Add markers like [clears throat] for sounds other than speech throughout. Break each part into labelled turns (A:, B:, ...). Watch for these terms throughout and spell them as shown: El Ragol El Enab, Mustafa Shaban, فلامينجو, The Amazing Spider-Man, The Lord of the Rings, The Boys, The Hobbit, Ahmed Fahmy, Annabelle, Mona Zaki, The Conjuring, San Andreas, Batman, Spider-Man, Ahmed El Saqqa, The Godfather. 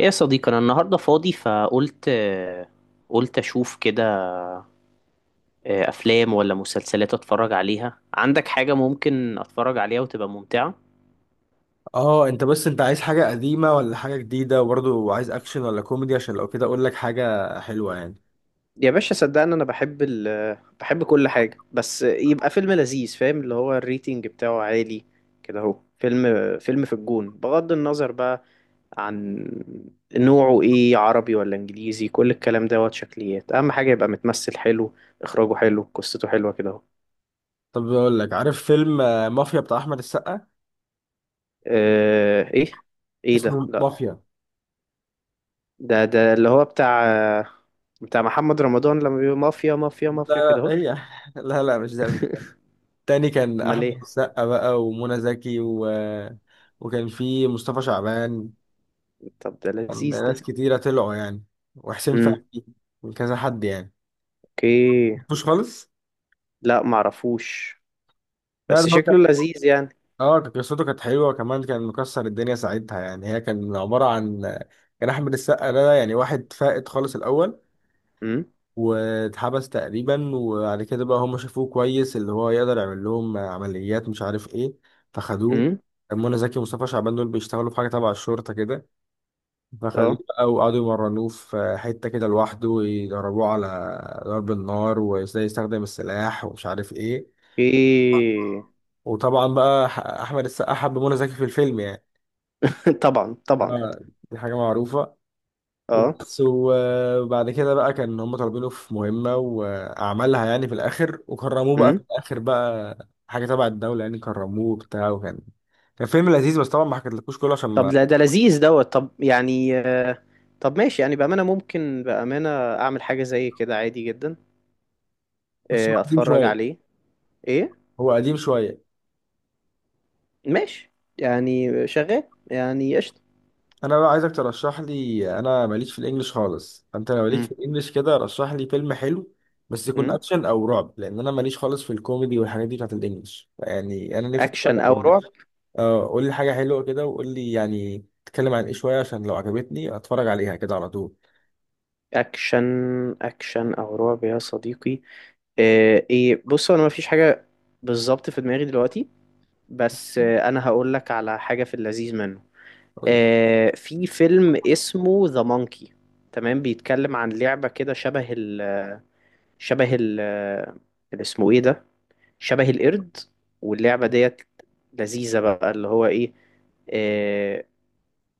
A: ايه يا صديقي، انا النهارده فاضي، فقلت آه، قلت اشوف كده. افلام ولا مسلسلات اتفرج عليها؟ عندك حاجه ممكن اتفرج عليها وتبقى ممتعه؟
B: اه، انت عايز حاجة قديمة ولا حاجة جديدة، وبرضه عايز اكشن ولا كوميدي؟ عشان لو كده اقول لك حاجة حلوة يعني.
A: يا باشا صدقني انا بحب كل حاجة، بس يبقى فيلم لذيذ، فاهم؟ اللي هو الريتنج بتاعه عالي كده اهو. فيلم في الجون، بغض النظر بقى عن نوعه ايه، عربي ولا انجليزي، كل الكلام دوت شكليات، اهم حاجة يبقى متمثل حلو، اخراجه حلو، قصته حلوة كده اهو.
B: طب اقول لك، عارف فيلم مافيا بتاع احمد السقا؟
A: آه، ايه ايه ده؟
B: اسمه
A: لا.
B: مافيا.
A: ده اللي هو بتاع محمد رمضان لما بيقول مافيا مافيا
B: لا
A: مافيا كده
B: لا،
A: اهو؟
B: هي [laughs] لا لا مش ده. تاني، كان
A: امال
B: احمد
A: ايه؟
B: السقا بقى ومنى زكي و... وكان في مصطفى شعبان.
A: طب ده
B: كان
A: لذيذ
B: ناس
A: ده.
B: كتيرة طلعوا يعني، وحسين
A: امم.
B: فهمي وكذا حد يعني.
A: اوكي.
B: مش خالص.
A: لا معرفوش.
B: لا
A: بس
B: لا.
A: شكله لذيذ يعني.
B: اه، قصته كانت حلوه، وكمان كان مكسر الدنيا ساعتها يعني. هي كان عباره عن، كان احمد السقا ده يعني واحد فائت خالص الاول،
A: امم.
B: واتحبس تقريبا. وبعد كده بقى هم شافوه كويس، اللي هو يقدر يعمل لهم عمليات مش عارف ايه، فخدوه.
A: امم.
B: منى زكي ومصطفى شعبان دول بيشتغلوا في حاجه تبع الشرطه كده، فخدوه
A: اه.
B: بقى وقعدوا يمرنوه في حته كده لوحده، ويدربوه على ضرب النار وازاي يستخدم السلاح ومش عارف ايه.
A: اوكي.
B: وطبعا بقى احمد السقا حب منى زكي في الفيلم يعني.
A: [laughs] طبعا طبعا.
B: اه، دي حاجة معروفة.
A: اه.
B: وبس. وبعد كده بقى كان هم طالبينه في مهمة وأعملها يعني في الآخر، وكرموه بقى في
A: امم.
B: الآخر بقى حاجة تبع الدولة يعني. كرموه وبتاع، وكان فيلم لذيذ. بس طبعا ما حكيتلكوش كله عشان
A: طب
B: ما...
A: لا ده لذيذ دوت، طب يعني طب ماشي يعني، بأمانة ممكن، اعمل حاجة زي كده عادي جدا.
B: بس هو قديم
A: اتفرج
B: شوية.
A: عليه. ايه؟
B: هو قديم شوية.
A: ماشي. يعني شغال. يعني قشطة.
B: أنا بقى عايزك ترشح لي. أنا ماليش في الإنجليش خالص، فأنت لو ليك في
A: امم.
B: الإنجليش كده رشح لي فيلم حلو، بس يكون
A: مم.
B: أكشن أو رعب، لأن أنا ماليش خالص في الكوميدي والحاجات دي بتاعت الإنجليش يعني. أنا نفسي أتفرج
A: اكشن او
B: على...
A: رعب.
B: اه، قول لي حاجة حلوة كده، وقول لي يعني تتكلم عن ايه شوية، عشان لو عجبتني اتفرج عليها كده على طول.
A: اكشن اكشن او رعب يا صديقي. ايه، بص انا مفيش حاجه بالظبط في دماغي دلوقتي، بس انا هقول لك على حاجه في اللذيذ منه.
B: قول لي.
A: في فيلم اسمه ذا مونكي، تمام؟ بيتكلم عن لعبه كده شبه ال، شبه ال اللي اسمه ايه ده، شبه القرد. واللعبه ديت لذيذه بقى، اللي هو ايه، آه،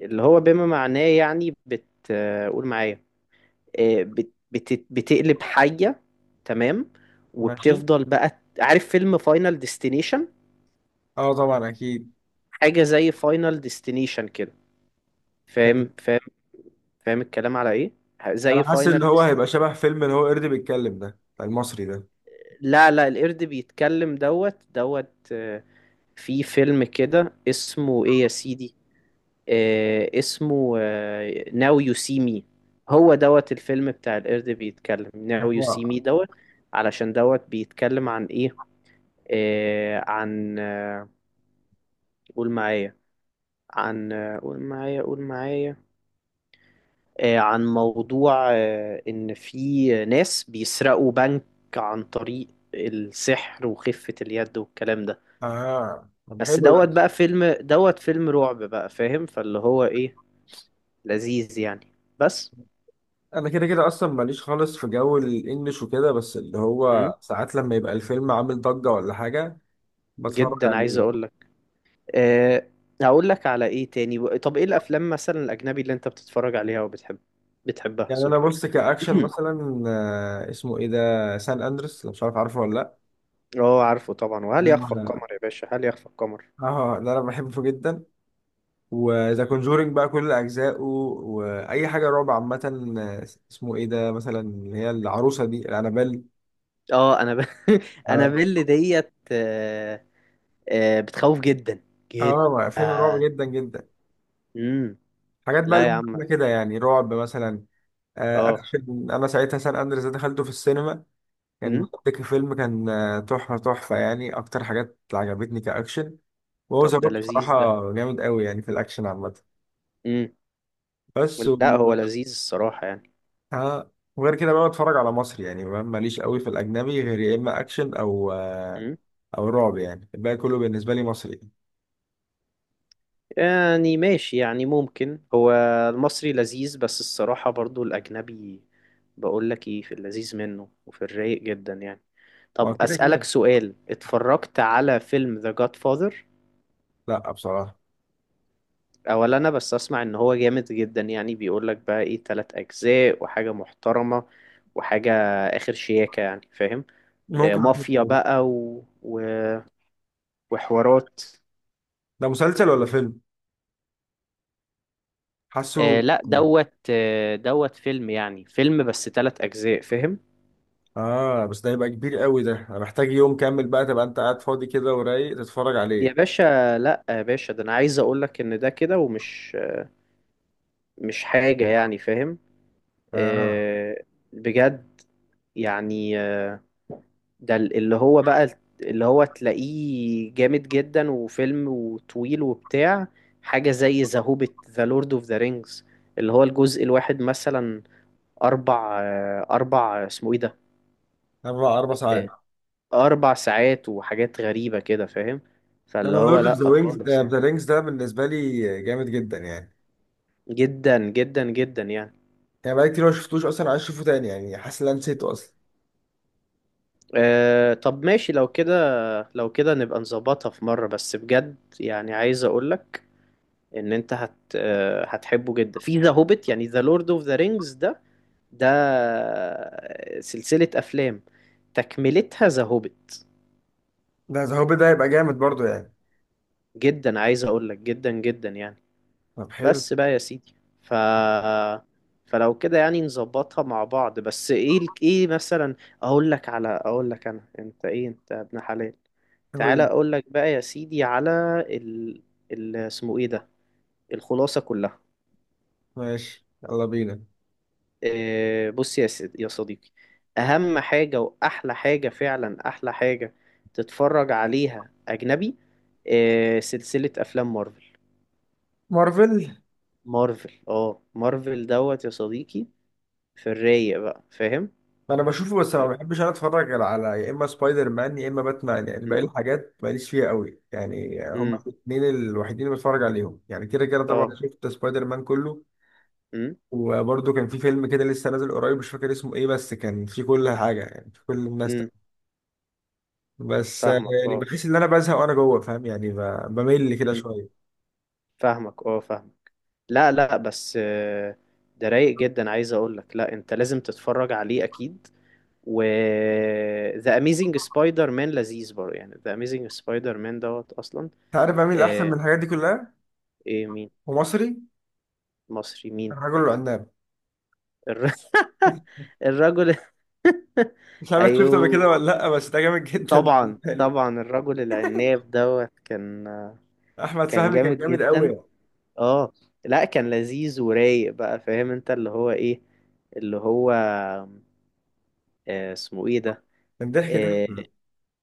A: اللي هو بما معناه يعني بت، قول معايا، بتقلب حية، تمام؟
B: ماشي.
A: وبتفضل بقى، عارف فيلم فاينل ديستنيشن؟
B: اه طبعا اكيد.
A: حاجة زي فاينل ديستنيشن كده، فاهم، فاهم الكلام على ايه، زي
B: انا حاسس ان
A: فاينل
B: هو
A: ديست...
B: هيبقى شبه فيلم اللي هو قرد بيتكلم ده بتاع المصري ده.
A: لا لا، القرد بيتكلم دوت دوت، في فيلم كده اسمه ايه يا سيدي، اسمه ناو يو سي مي. هو دوت الفيلم بتاع القرد بيتكلم ناو يو سي
B: اه.
A: مي دوت، علشان دوت بيتكلم عن ايه، عن قول معايا، عن قول معايا قول معايا، عن موضوع ان في ناس بيسرقوا بنك عن طريق السحر وخفة اليد والكلام ده.
B: طب
A: بس
B: حلو ده.
A: دوت بقى فيلم دوت، فيلم رعب بقى، فاهم؟ فاللي هو ايه، لذيذ يعني. بس.
B: انا كده كده اصلا ماليش خالص في جو الانجليش وكده، بس اللي
A: مم.
B: هو ساعات لما يبقى الفيلم عامل ضجة ولا حاجة بتفرج
A: جدا عايز
B: عليه.
A: اقول. أه، هقول لك على ايه تاني. طب ايه الافلام مثلا الاجنبي اللي انت بتتفرج عليها وبتحب، بتحبها،
B: يعني انا
A: سوري.
B: بص، كاكشن
A: [clears throat]
B: مثلا اسمه ايه ده، سان اندرس، لو مش عارف. عارفه ولا؟
A: اه عارفه طبعا. وهل
B: لا،
A: يخفى
B: ده
A: القمر يا باشا، هل يخفى القمر.
B: اه، ده انا بحبه جدا. وذا كونجورينج بقى كل اجزائه، واي حاجه رعب عامه. آه، اسمه ايه ده مثلا، اللي هي العروسه دي، الانابيل.
A: اه انا ب... [laughs]
B: اه.
A: انا بيل ديت، بتخوف جدا جدا.
B: اه، فيلم رعب جدا جدا.
A: امم.
B: حاجات بقى
A: لا يا عم.
B: اللي كده يعني رعب مثلا.
A: اه.
B: اكشن. انا ساعتها سان اندريس ده دخلته في السينما، كان
A: امم.
B: مضحك. فيلم كان تحفه تحفه يعني. اكتر حاجات اللي عجبتني كاكشن، وهو ذا
A: طب ده
B: روك
A: لذيذ ده.
B: بصراحه جامد قوي يعني في الاكشن عامه
A: امم.
B: بس.
A: لا هو لذيذ الصراحة.
B: اه. وغير كده بقى بتفرج على مصري، يعني ماليش قوي في الاجنبي، غير يا اما اكشن او آه،
A: يعني،
B: او رعب يعني. الباقي كله بالنسبه لي مصري.
A: يعني ماشي يعني، ممكن هو المصري لذيذ، بس الصراحة برضو الأجنبي. بقول لك إيه، في اللذيذ منه وفي الرايق جدا يعني.
B: ما
A: طب
B: هو كده
A: أسألك
B: كده.
A: سؤال، اتفرجت على فيلم The Godfather؟
B: لا، بصراحه
A: أولا أنا بس أسمع إن هو جامد جدا، يعني بيقول لك بقى إيه، تلات أجزاء وحاجة محترمة، وحاجة آخر شياكة يعني، فاهم؟
B: ممكن
A: مافيا
B: أشوفه.
A: بقى وحوارات.
B: ده مسلسل ولا فيلم؟ حاسه.
A: لا دوت، دوت فيلم يعني، بس تلات أجزاء، فاهم؟
B: اه، بس ده يبقى كبير قوي ده، انا محتاج يوم كامل بقى، تبقى انت قاعد فاضي كده ورايق تتفرج
A: يا
B: عليه.
A: باشا، لا يا باشا ده انا عايز اقول لك ان ده كده، مش حاجة يعني، فاهم؟
B: اه،
A: آه، بجد يعني، ده اللي هو بقى، اللي هو تلاقيه جامد جدا، وفيلم وطويل وبتاع، حاجة زي ذا هوبيت، ذا لورد اوف ذا رينجز. اللي هو الجزء الواحد مثلا أربع اسمه إيه ده،
B: اربع ساعات.
A: آه، أربع ساعات وحاجات غريبة كده، فاهم؟
B: انا
A: فاللي هو
B: لورد اوف
A: لأ
B: ذا رينجز
A: خالص يعني.
B: ذا رينجز ده بالنسبه لي جامد جدا يعني.
A: جدا جدا جدا يعني.
B: يعني بقالي كتير ما شفتوش اصلا، عايز اشوفه تاني يعني، حاسس ان انا نسيته اصلا.
A: أه، طب ماشي لو كده، نبقى نظبطها في مرة، بس بجد يعني عايز اقولك ان انت هت أه هتحبه جدا في ذا هوبيت، يعني ذا لورد اوف ذا رينجز ده، ده سلسلة افلام تكملتها ذا هوبيت،
B: ده ذا هوبي ده هيبقى جامد برضه يعني.
A: جدا عايز اقولك جدا جدا يعني.
B: طب حلو.
A: بس بقى يا سيدي، ف فلو كده يعني نظبطها مع بعض. بس ايه ايه مثلا؟ اقول لك انا، انت ايه، انت ابن حلال. تعالى
B: حلو.
A: اقول لك بقى يا سيدي على ال، اسمه ايه ده، الخلاصة كلها.
B: ماشي، يلا بينا.
A: إيه بص يا سيدي يا صديقي، اهم حاجة واحلى حاجة، فعلا احلى حاجة تتفرج عليها اجنبي، إيه؟ سلسلة افلام مارفل.
B: مارفل.
A: مارفل دوت يا صديقي، في الرايق بقى، فاهم؟
B: انا بشوفه، بس ما بحبش انا اتفرج غير على يا اما سبايدر مان يا اما باتمان، يعني باقي
A: امم.
B: الحاجات ماليش فيها قوي يعني. هما
A: امم.
B: الاثنين الوحيدين اللي بتفرج عليهم يعني. كده كده طبعا
A: اه.
B: شفت سبايدر مان كله.
A: امم.
B: وبرده كان في فيلم كده لسه نازل قريب مش فاكر اسمه ايه، بس كان في كل حاجه يعني، في كل الناس
A: امم.
B: ده. بس
A: فاهمك.
B: يعني
A: اه.
B: بحس ان انا بزهق وانا جوه، فاهم يعني؟ بمل كده
A: امم.
B: شويه.
A: فاهمك. اه. فاهمك. لا لا، بس ده رايق جدا، عايز اقول لك، لا انت لازم تتفرج عليه اكيد. و The Amazing Spider-Man لذيذ برضه يعني، The Amazing Spider-Man دوت اصلا.
B: انت عارف بميل احسن
A: آه،
B: من الحاجات دي كلها،
A: ايه مين؟
B: ومصري.
A: مصري مين؟
B: الرجل العناب.
A: الر... [laughs] الرجل.
B: مش
A: [laughs]
B: عارف شفته قبل
A: ايوه،
B: كده ولا لا، بس ده جامد جدا
A: طبعا
B: بالنسبه لي.
A: طبعا. الرجل العناب دوت كان،
B: احمد
A: كان
B: فهمي كان
A: جامد
B: جامد قوي
A: جدا
B: يعني.
A: اه. لا كان لذيذ ورايق بقى، فاهم انت اللي هو ايه، اللي هو آه، اسمه ايه ده،
B: كان ضحك
A: آه،
B: ضحك.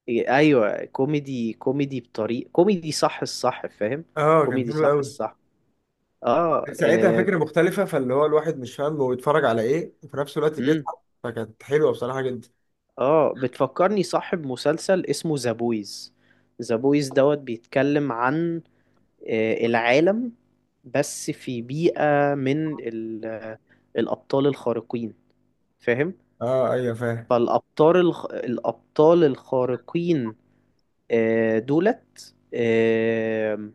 A: إيه، ايوه كوميدي، كوميدي بطريق كوميدي صح الصح، فاهم؟
B: اه كان
A: كوميدي
B: حلو
A: صح
B: قوي.
A: الصح. اه.
B: ساعتها فكره مختلفه، فاللي هو الواحد مش فاهم هو بيتفرج على ايه، وفي نفس الوقت
A: امم.
B: بيضحك، فكانت حلوه بصراحه جدا.
A: اه بتفكرني صاحب مسلسل اسمه ذا بويز. ذا بويز دوت بيتكلم عن العالم، بس في بيئة من الأبطال الخارقين، فاهم؟
B: اه ايوه فاهم.
A: فالأبطال الأبطال الخارقين دولت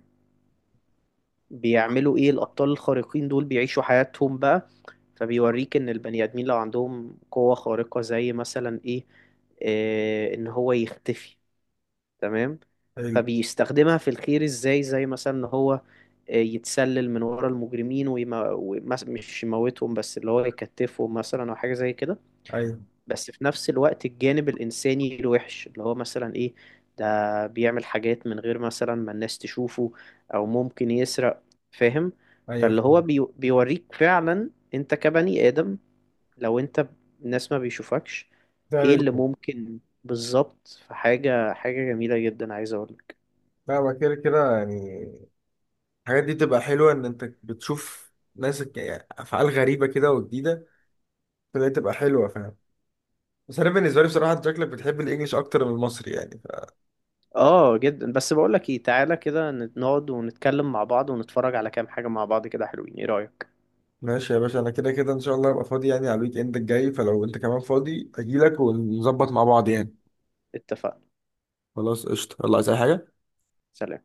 A: بيعملوا إيه. الأبطال الخارقين دول بيعيشوا حياتهم بقى، فبيوريك إن البني آدمين لو عندهم قوة خارقة زي مثلا إيه، إن هو يختفي، تمام؟
B: ايوه.
A: فبيستخدمها في الخير إزاي، زي مثلا إن هو يتسلل من ورا المجرمين ومش يموتهم، بس اللي هو يكتفهم مثلا أو حاجة زي كده.
B: ايوه
A: بس في نفس الوقت الجانب الإنساني الوحش اللي هو مثلا إيه، ده بيعمل حاجات من غير مثلا ما الناس تشوفه، أو ممكن يسرق، فاهم.
B: ايوه
A: فاللي هو
B: فاهم.
A: بيوريك فعلا أنت كبني آدم، لو أنت الناس ما بيشوفكش، إيه
B: تعمل
A: اللي
B: ايه؟
A: ممكن بالظبط، حاجة جميلة جدا عايز أقولك.
B: لا، ما كده كده يعني. الحاجات دي تبقى حلوه، ان انت بتشوف ناس يعني افعال غريبه كده وجديده، فدي تبقى حلوه فاهم. بس انا بالنسبه لي بصراحه انت شكلك بتحب الانجليش اكتر من المصري يعني.
A: آه جدا. بس بقولك إيه، تعالى كده نقعد ونتكلم مع بعض ونتفرج على كام حاجة مع بعض، كده حلوين، إيه رأيك؟
B: ماشي يا باشا، انا كده كده ان شاء الله هبقى فاضي يعني على الويك اند الجاي، فلو انت كمان فاضي اجيلك ونظبط مع بعض يعني.
A: اتفقنا.
B: خلاص قشطة. يلا، عايز اي حاجة؟
A: سلام.